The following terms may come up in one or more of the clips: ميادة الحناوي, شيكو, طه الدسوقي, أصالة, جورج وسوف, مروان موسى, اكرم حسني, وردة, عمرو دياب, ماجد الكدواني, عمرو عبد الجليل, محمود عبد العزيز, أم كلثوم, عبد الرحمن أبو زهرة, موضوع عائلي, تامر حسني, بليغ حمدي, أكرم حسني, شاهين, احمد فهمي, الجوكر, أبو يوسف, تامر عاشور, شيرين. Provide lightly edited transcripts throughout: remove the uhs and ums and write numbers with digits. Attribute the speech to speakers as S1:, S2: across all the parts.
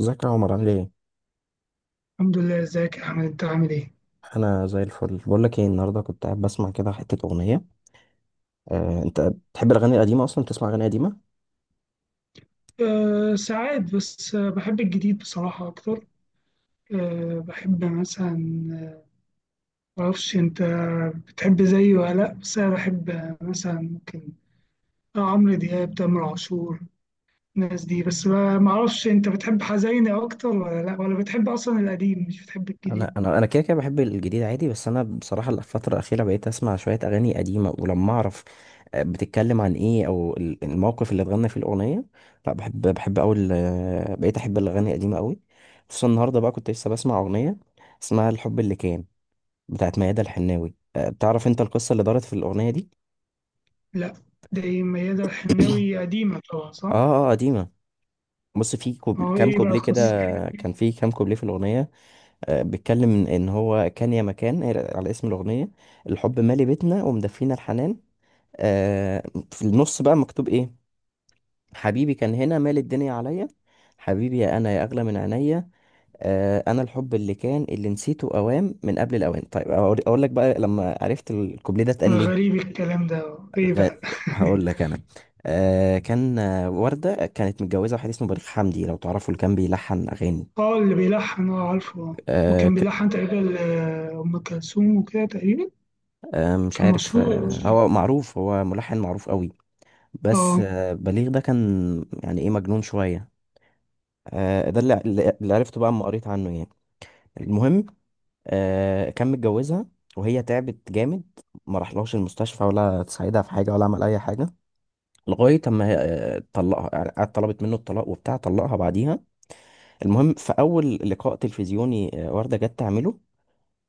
S1: ازيك يا عمر، عامل ايه؟
S2: الحمد لله، ازيك يا احمد؟ انت عامل ايه؟
S1: انا زي الفل. بقول لك ايه، النهارده كنت قاعد بسمع كده حته اغنيه. انت بتحب الاغاني القديمه، اصلا بتسمع اغاني قديمه؟
S2: أه ساعات بس، بحب الجديد بصراحة اكتر. أه بحب مثلا. معرفش انت بتحب زيي ولا لا، بس انا بحب مثلا ممكن عمرو دياب، تامر عاشور، الناس دي. بس ما معرفش انت بتحب حزينة اكتر ولا لا، ولا بتحب اصلا القديم مش بتحب
S1: انا
S2: الجديد؟
S1: انا انا كده كده بحب الجديد عادي، بس انا بصراحه الفتره الاخيره بقيت اسمع شويه اغاني قديمه ولما اعرف بتتكلم عن ايه او الموقف اللي اتغنى فيه الاغنيه. لا بحب، بحب قوي بقيت احب الاغاني القديمه قوي، خصوصا النهارده بقى كنت لسه بسمع اغنيه اسمها الحب اللي كان، بتاعت ميادة الحناوي. بتعرف انت القصه اللي دارت في الاغنيه دي؟
S2: لا. ده إيه، ميادة الحناوي قديمة طبعا، صح؟
S1: اه اه، قديمه. بص، في
S2: هو
S1: كام
S2: ايه بقى
S1: كوبليه كده.
S2: القصة؟
S1: كان في كام كوبليه في الأغنية. بيتكلم إن هو كان يا مكان، على اسم الأغنية، الحب مالي بيتنا ومدفينا الحنان. آه، في النص بقى مكتوب إيه؟ حبيبي كان هنا مال الدنيا عليا، حبيبي يا أنا يا أغلى من عينيا. أنا الحب اللي كان اللي نسيته أوام من قبل الأوان. طيب أقول لك بقى لما عرفت الكوبليه ده اتقال ليه.
S2: غريب الكلام ده، ايه
S1: غ-
S2: بقى؟
S1: هقول لك أنا. كان وردة كانت متجوزة واحد اسمه بليغ حمدي، لو تعرفوا، اللي كان بيلحن أغاني.
S2: اه، اللي بيلحن، اه عارفه، اه.
S1: آه
S2: وكان
S1: ك...
S2: بيلحن تقريبا أم كلثوم وكده تقريبا.
S1: مش
S2: كان
S1: عارف،
S2: مشهور أوي.
S1: هو معروف، هو ملحن معروف قوي. بس
S2: اه،
S1: بليغ ده كان، يعني، ايه، مجنون شوية. ده اللي عرفته بقى اما قريت عنه يعني. المهم، كان متجوزها وهي تعبت جامد، ما راحلهاش المستشفى ولا تساعدها في حاجة ولا عمل أي حاجة، لغاية أما هي، طلقها. يعني قعدت طلبت منه الطلاق وبتاع، طلقها بعديها. المهم، في أول لقاء تلفزيوني وردة جت تعمله،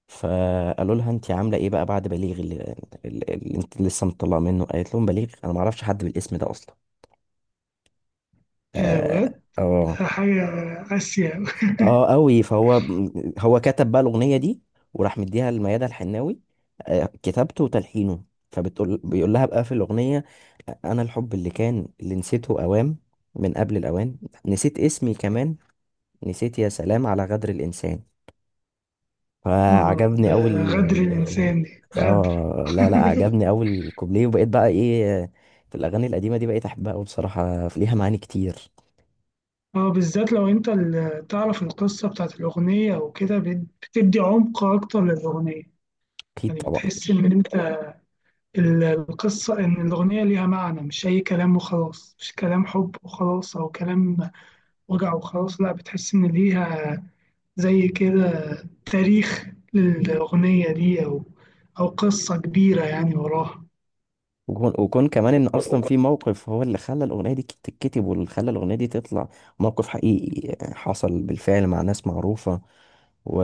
S1: فقالوا لها انت عامله ايه بقى بعد بليغ اللي انت لسه مطلعه منه؟ قالت لهم، بليغ؟ انا ما اعرفش حد بالاسم ده اصلا.
S2: يا
S1: اه
S2: بجد،
S1: اه.
S2: حاجة قاسية.
S1: اه، قوي. فهو كتب بقى الاغنيه دي وراح مديها لميادة الحناوي، كتابته وتلحينه. بيقول لها بقى في الاغنيه، انا الحب اللي كان اللي نسيته اوام من قبل الاوان، نسيت اسمي كمان، نسيت يا سلام على غدر الانسان.
S2: اه
S1: فعجبني
S2: ده
S1: أوي. ال
S2: غدر
S1: ال-
S2: الإنسان، دي غدر.
S1: اه، لا لا، عجبني أوي الكوبليه. وبقيت بقى ايه، في الأغاني القديمة دي بقيت أحبها أوي بصراحة، ليها معاني كتير.
S2: اه بالذات لو انت تعرف القصة بتاعت الأغنية أو كده، بتدي عمق أكتر للأغنية.
S1: أكيد
S2: يعني
S1: طبعا.
S2: بتحس إن انت القصة إن الأغنية ليها معنى، مش أي كلام وخلاص، مش كلام حب وخلاص أو كلام وجع وخلاص. لا، بتحس إن ليها زي كده تاريخ للأغنية دي، أو أو قصة كبيرة يعني وراها.
S1: وكون كمان إن أصلا في موقف هو اللي خلى الأغنية دي تتكتب واللي خلى الأغنية دي تطلع، موقف حقيقي حصل بالفعل مع ناس معروفة و...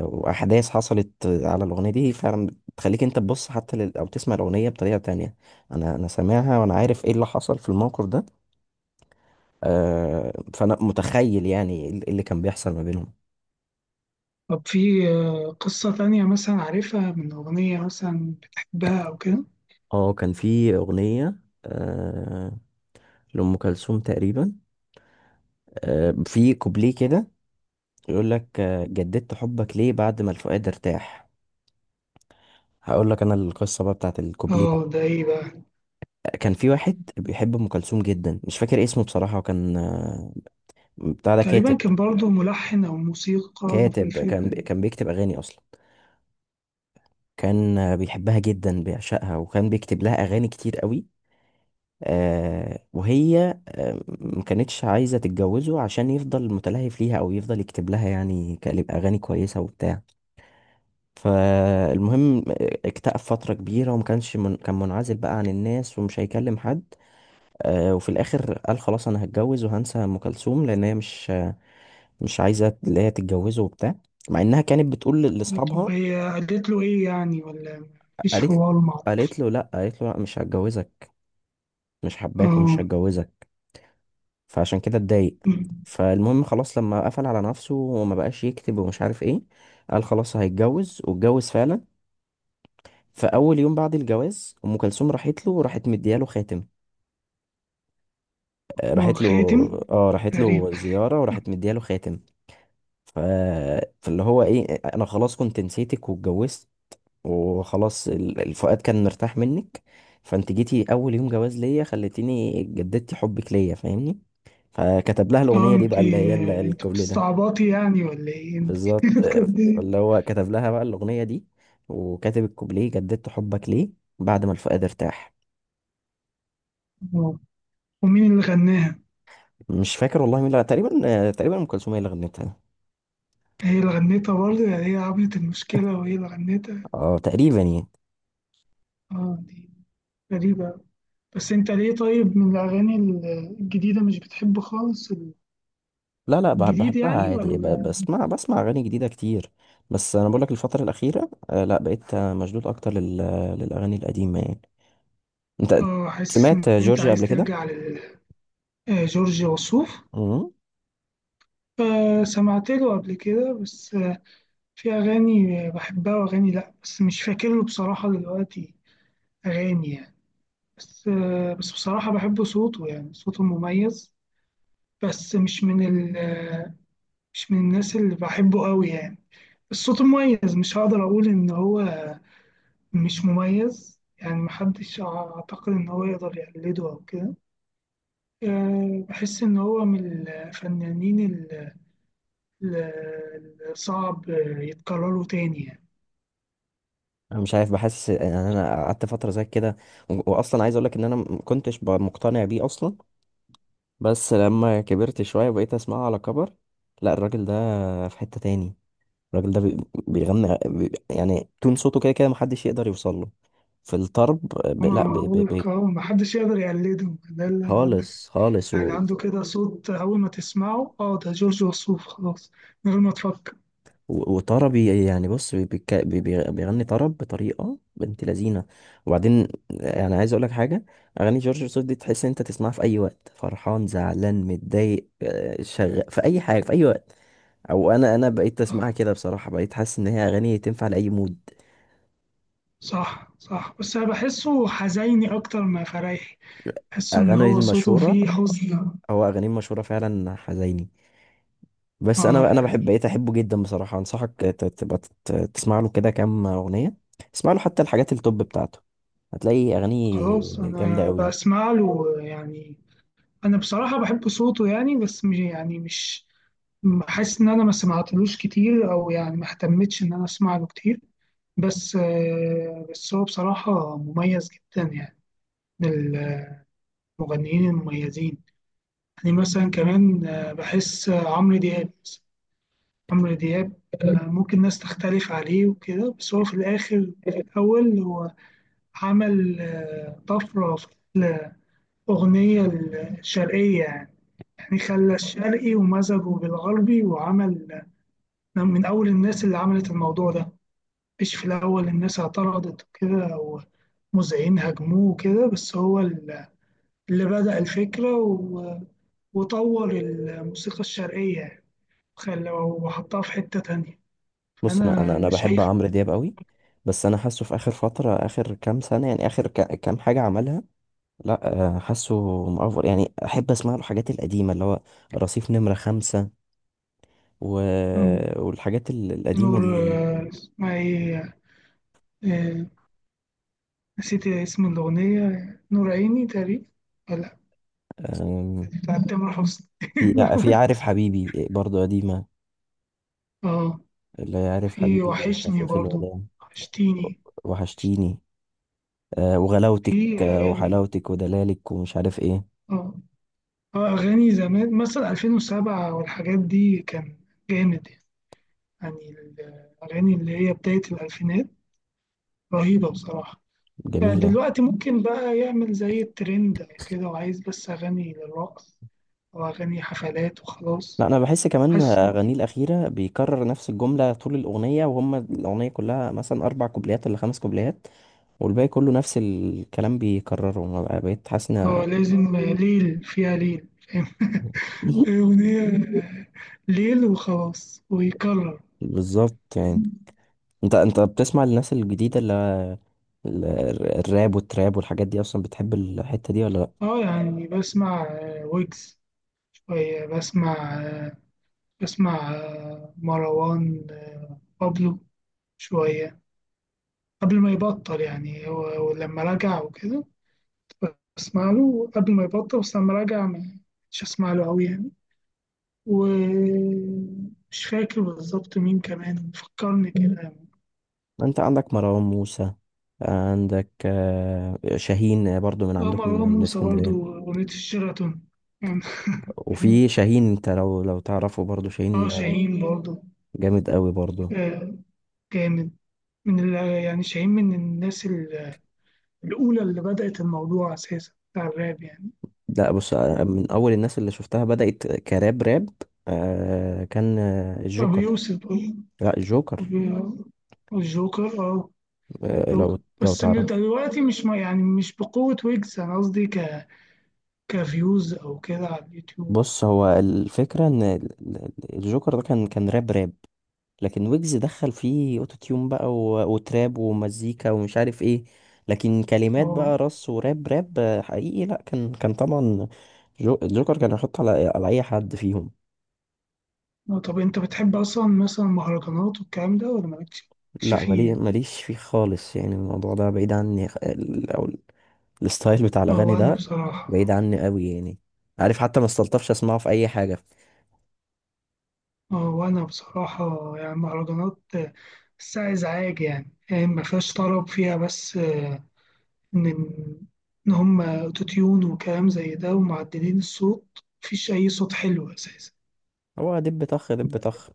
S1: وأحداث حصلت على الأغنية دي فعلا، بتخليك أنت تبص حتى أو تسمع الأغنية بطريقة تانية. أنا سامعها وأنا عارف إيه اللي حصل في الموقف ده. فانا متخيل يعني ايه اللي كان بيحصل ما بينهم.
S2: طب في قصة تانية مثلا عارفها من أغنية مثلا بتحبها أو كده؟
S1: اه، كان في اغنيه آه، لام كلثوم تقريبا، في كوبليه كده يقول لك جددت حبك ليه بعد ما الفؤاد ارتاح. هقول لك انا القصه بقى بتاعت الكوبليه ده.
S2: اه ده ايه بقى؟
S1: كان في واحد بيحب ام كلثوم جدا، مش فاكر اسمه بصراحه، وكان بتاع ده،
S2: تقريبا كان برضه ملحن أو موسيقار في
S1: كاتب كان
S2: الفرقة.
S1: بيكتب اغاني اصلا. كان بيحبها جدا، بيعشقها، وكان بيكتب لها اغاني كتير قوي. وهي ما كانتش عايزة تتجوزه عشان يفضل متلهف ليها أو يفضل يكتب لها، يعني، كلمة أغاني كويسة وبتاع. فالمهم اكتئب فترة كبيرة وما كانش كان منعزل بقى عن الناس ومش هيكلم حد. وفي الآخر قال خلاص أنا هتجوز وهنسى أم كلثوم، لأن هي مش عايزة، اللي هي تتجوزه وبتاع، مع إنها كانت بتقول
S2: طب
S1: لأصحابها.
S2: هي قالت له ايه يعني، ولا مفيش
S1: قالت
S2: حوار مع؟
S1: قالت له لأ، قالت له لأ مش هتجوزك، مش حباك
S2: اه،
S1: ومش هتجوزك. فعشان كده اتضايق. فالمهم خلاص، لما قفل على نفسه وما بقاش يكتب ومش عارف ايه، قال خلاص هيتجوز، واتجوز فعلا. فاول يوم بعد الجواز ام كلثوم راحت له، راحت مدياله خاتم.
S2: هو
S1: راحت له،
S2: خاتم؟
S1: اه، راحت له
S2: غريب.
S1: زياره وراحت مدياله خاتم. ف... فاللي هو ايه، انا خلاص كنت نسيتك واتجوزت وخلاص، الفؤاد كان مرتاح منك، فانت جيتي اول يوم جواز ليا خليتيني جددتي حبك ليا، فاهمني؟ فكتب لها
S2: اه
S1: الاغنيه دي بقى، اللي
S2: انتي
S1: هي
S2: انت
S1: الكوبليه ده.
S2: بتستعبطي يعني ولا ايه انت؟
S1: بالظبط.
S2: كانت إيه؟
S1: فاللي هو كتب لها بقى الأغنية دي وكاتب الكوبليه، جددت حبك ليه بعد ما الفؤاد ارتاح.
S2: آه. ومين اللي غناها؟
S1: مش فاكر والله مين، لا تقريبا، تقريبا أم كلثوم هي اللي غنتها.
S2: هي اللي غنتها برضه؟ يعني هي عملت المشكلة وهي اللي غنتها؟
S1: اه، تقريبا يعني.
S2: اه دي غريبة أوي. بس انت ليه طيب من الأغاني الجديدة مش بتحب خالص؟
S1: لا لا،
S2: الجديد
S1: بحبها
S2: يعني،
S1: عادي،
S2: ولا؟
S1: بسمع أغاني جديدة كتير. بس أنا بقولك، الفترة الأخيرة لا، بقيت مشدود أكتر للأغاني القديمة يعني. أنت
S2: اه حاسس إن
S1: سمعت
S2: أنت
S1: جورجيا
S2: عايز
S1: قبل كده؟
S2: ترجع لجورج وسوف.
S1: مم.
S2: سمعت له قبل كده، بس في أغاني بحبها وأغاني لأ، بس مش فاكر له بصراحة دلوقتي أغاني يعني. بس بس بصراحة بحب صوته، يعني صوته مميز. بس مش من ال آه، مش من الناس اللي بحبه قوي يعني. الصوت مميز، مش هقدر أقول إن هو مش مميز. يعني محدش أعتقد إن هو يقدر يقلده أو كده. بحس إن هو من الفنانين الصعب يتكرروا تاني يعني.
S1: انا مش عارف، بحس يعني، انا قعدت فتره زي كده، واصلا عايز اقول لك ان انا ما كنتش مقتنع بيه اصلا. بس لما كبرت شوية بقيت اسمعه على كبر. لا، الراجل ده في حتة تاني. الراجل ده بيغني، يعني، تون صوته كده كده محدش يقدر يوصل له في الطرب. لا،
S2: أنا بقول لك أهو محدش يقدر يقلده، ده اللي بقول لك.
S1: خالص خالص
S2: يعني عنده كده صوت، أول ما تسمعه أه ده جورج وسوف خلاص، من غير ما تفكر.
S1: وطربي، يعني، بص، بي... بيك- بي... بي- بيغني طرب بطريقة بنت لذينة. وبعدين يعني عايز اقول لك حاجة، اغاني جورج وسوف دي تحس إن انت تسمعها في اي وقت، فرحان، زعلان، متضايق، في اي حاجة، في اي وقت. او انا بقيت اسمعها
S2: صح
S1: كده بصراحه، بقيت حاسس ان هي اغاني تنفع لاي مود.
S2: صح صح، بس أنا بحسه حزيني أكتر ما فريحي. بحس إن
S1: اغاني
S2: هو صوته
S1: المشهوره،
S2: فيه حزن.
S1: او اغاني المشهوره فعلا حزيني. بس
S2: اه
S1: انا بحب،
S2: يعني
S1: بقيت احبه جدا بصراحه. انصحك تبقى تسمع له كده كام اغنيه. اسمع له حتى الحاجات التوب بتاعته، هتلاقي اغاني
S2: خلاص
S1: جامده
S2: انا
S1: قوي.
S2: بسمع له يعني. انا بصراحه بحب صوته يعني، بس مش يعني، مش حاسس ان انا ما سمعتلوش كتير، او يعني ما اهتمتش ان انا اسمع له كتير. بس بس هو بصراحه مميز جدا يعني، من المغنيين المميزين. يعني مثلا كمان بحس عمرو دياب مثلاً. عمرو دياب ممكن ناس تختلف عليه وكده، بس هو في الاخر، في الاول هو عمل طفره في الاغنيه الشرقيه يعني. يعني خلى الشرقي ومزجه بالغربي، وعمل من أول الناس اللي عملت الموضوع ده. مش في الأول الناس اعترضت كده ومذيعين هاجموه كده، بس هو اللي بدأ الفكرة و- وطور الموسيقى الشرقية يعني، خلى وحطها في حتة تانية.
S1: بص انا انا
S2: فأنا
S1: انا بحب
S2: شايف
S1: عمرو دياب قوي، بس انا حاسه في اخر فتره، اخر كام سنه يعني، اخر كام حاجه عملها، لا حاسه مأفور يعني. احب اسمع له الحاجات القديمه اللي هو رصيف نمره خمسة و...
S2: إنه
S1: والحاجات القديمة
S2: نور،
S1: دي.
S2: اسمها إيه، آه، نسيت اسم الأغنية، نور عيني تقريبا، ولا
S1: آم،
S2: بتاعت تامر حسني.
S1: في في عارف حبيبي برضو قديمة،
S2: اه
S1: اللي هي عارف
S2: في
S1: حبيبي مش عارف
S2: وحشني
S1: ايه، في
S2: برضو،
S1: الوداع،
S2: وحشتيني.
S1: وحشتيني، وغلاوتك،
S2: في أغاني،
S1: وحلاوتك ودلالك ومش عارف ايه.
S2: اه أغاني زمان مثلا 2007 والحاجات دي كان جامد يعني. الأغاني اللي هي بداية الألفينات رهيبة بصراحة.
S1: جميلة.
S2: دلوقتي ممكن بقى يعمل زي الترند أو كده، وعايز بس أغاني للرقص أو أغاني حفلات
S1: لا،
S2: وخلاص.
S1: أنا بحس كمان
S2: حاسس إن-
S1: أغانيه الأخيرة بيكرر نفس الجملة طول الأغنية، وهم الأغنية كلها مثلا أربع كوبليات ولا خمس كوبليات، والباقي كله نفس الكلام بيكرره. ما بقى- بقيت حاسس.
S2: اه لازم ليل فيها، ليل فاهم. أغنية ليل وخلاص، ويكرر.
S1: بالظبط يعني. انت بتسمع الناس الجديده اللي ال- الراب والتراب والحاجات دي، اصلا بتحب الحته دي ولا لا؟
S2: اه يعني بسمع ويجز شوية، بسمع مروان بابلو شوية قبل ما يبطل يعني هو، ولما رجع وكده بسمع له قبل ما يبطل، بس لما رجع ما- مش اسمع له أوي يعني. ومش فاكر بالظبط مين كمان فكرني كده.
S1: انت عندك مروان موسى، عندك شاهين برضو، من
S2: اه
S1: عندكم،
S2: مروان
S1: من
S2: موسى
S1: اسكندريه.
S2: برضو، أغنية الشيراتون يعني.
S1: وفي شاهين، انت لو تعرفه، برضو
S2: اه
S1: شاهين
S2: شاهين برضو
S1: جامد قوي برضو.
S2: آه، جامد. من يعني شاهين من الناس الأولى اللي بدأت الموضوع أساسا بتاع الراب يعني.
S1: لا بص، من اول الناس اللي شفتها بدات كراب راب، كان
S2: أبو
S1: الجوكر.
S2: يوسف أه.
S1: لا، الجوكر.
S2: أبو- الجوكر أه. جوكر
S1: لو
S2: بس من
S1: تعرفه.
S2: دلوقتي، مش ما يعني مش بقوة. ويجز أنا قصدي، ك كفيوز أو كده على اليوتيوب.
S1: بص، هو الفكره ان الجوكر ده كان راب راب، لكن ويجز دخل فيه اوتو تيون بقى وتراب ومزيكا ومش عارف ايه. لكن كلمات
S2: أه
S1: بقى رص، وراب راب حقيقي. لا، كان طبعا جوكر كان يحط على اي حد فيهم.
S2: طب أنت بتحب أصلا مثلا مهرجانات والكلام ده، ولا مالكش
S1: لا،
S2: فيه يعني؟
S1: ماليش فيه خالص يعني. الموضوع ده بعيد عني، او الستايل بتاع
S2: أه
S1: الاغاني
S2: وأنا
S1: ده بعيد
S2: بصراحة.
S1: عني قوي يعني. عارف، حتى ما استلطفش اسمعه في اي حاجه.
S2: اه وانا بصراحة يعني مهرجانات بحسها ازعاج يعني. يعني ما فيهاش طرب فيها، بس ان ان هم اوتوتيون وكلام زي ده ومعدلين الصوت، مفيش اي صوت حلو اساسا.
S1: هو دب طخ دب طخ.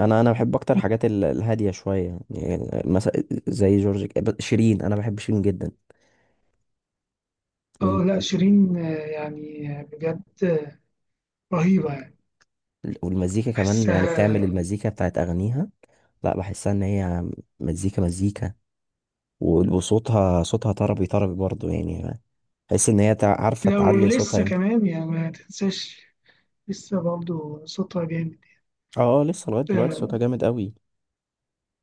S1: انا بحب اكتر حاجات الهاديه شويه، يعني، مثلا زي جورج، شيرين. انا بحب شيرين جدا،
S2: اه لا شيرين يعني بجد رهيبة يعني.
S1: والمزيكا كمان، يعني
S2: بحسها.
S1: بتعمل المزيكا بتاعت أغانيها. لا، بحسها إن هي مزيكا مزيكا. وصوتها صوتها طربي طربي برضو يعني. بحس إن هي عارفة
S2: لو
S1: تعلي صوتها
S2: لسه
S1: امتى.
S2: كمان يعني ما تنساش، لسه برضه صوتها جامد.
S1: اه اه، لسه لغاية دلوقتي صوتها
S2: اه
S1: جامد قوي.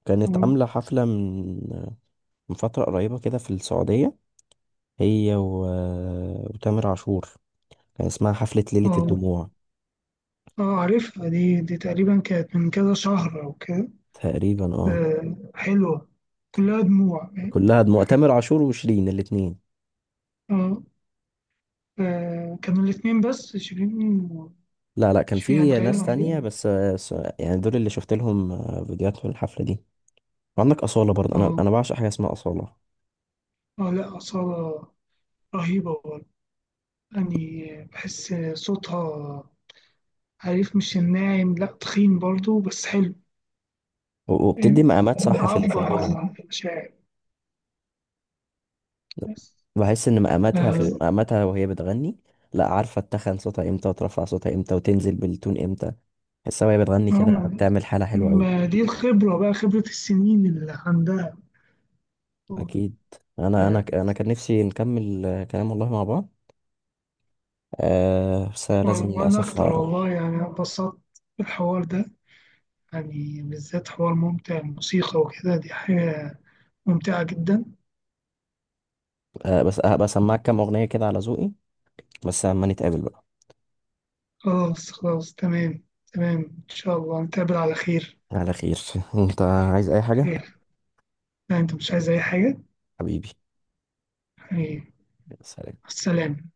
S1: كانت عاملة حفلة من فترة قريبة كده في السعودية، هي وتامر عاشور. كان اسمها حفلة ليلة
S2: اه
S1: الدموع.
S2: عارفها دي، تقريبا كانت من كذا شهر او كده.
S1: تقريبا اه.
S2: حلوة، كلها دموع فاهم؟
S1: كلها دموع، تامر عاشور وشيرين الاتنين.
S2: اه كانوا الاتنين بس شيرين
S1: لا لا، كان
S2: وشفيع
S1: في
S2: أندرية
S1: ناس تانية
S2: يعني.
S1: بس يعني دول اللي شفت لهم فيديوهات في الحفلة دي. وعندك أصالة برضه. أنا
S2: اه
S1: أنا بعشق حاجة اسمها أصالة.
S2: اه لا أصالة رهيبة برضه يعني. بحس صوتها، عارف مش الناعم، لا تخين برضه بس حلو.
S1: وبتدي
S2: فاهم،
S1: مقامات صح في في
S2: بتعبر
S1: الغنى.
S2: عن المشاعر بس.
S1: بحس إن
S2: آه،
S1: مقاماتها، في
S2: آه،
S1: مقاماتها وهي بتغني، لا عارفة تتخن صوتها إمتى وترفع صوتها إمتى وتنزل بالتون إمتى. بحسها وهي بتغني كده
S2: ما
S1: بتعمل حالة حلوة أوي.
S2: ما دي الخبرة بقى، خبرة السنين اللي عندها ف-.
S1: أكيد. أنا كان نفسي نكمل كلام والله مع بعض. أه بس
S2: و-
S1: لازم
S2: وأنا
S1: للأسف
S2: أكتر والله
S1: أروح.
S2: يعني، أنا اتبسطت بالحوار ده. يعني بالذات حوار ممتع، الموسيقى وكده دي حاجة ممتعة جدا.
S1: أه بس هبقى أسمعك كام أغنية كده على ذوقي، بس أما نتقابل بقى.
S2: خلاص خلاص تمام. تمام إن شاء الله نتقابل على خير.
S1: على خير. انت عايز اي حاجة؟
S2: خير. لا أنت مش عايز أي حاجة
S1: حبيبي.
S2: يعني.
S1: يا سلام.
S2: السلام.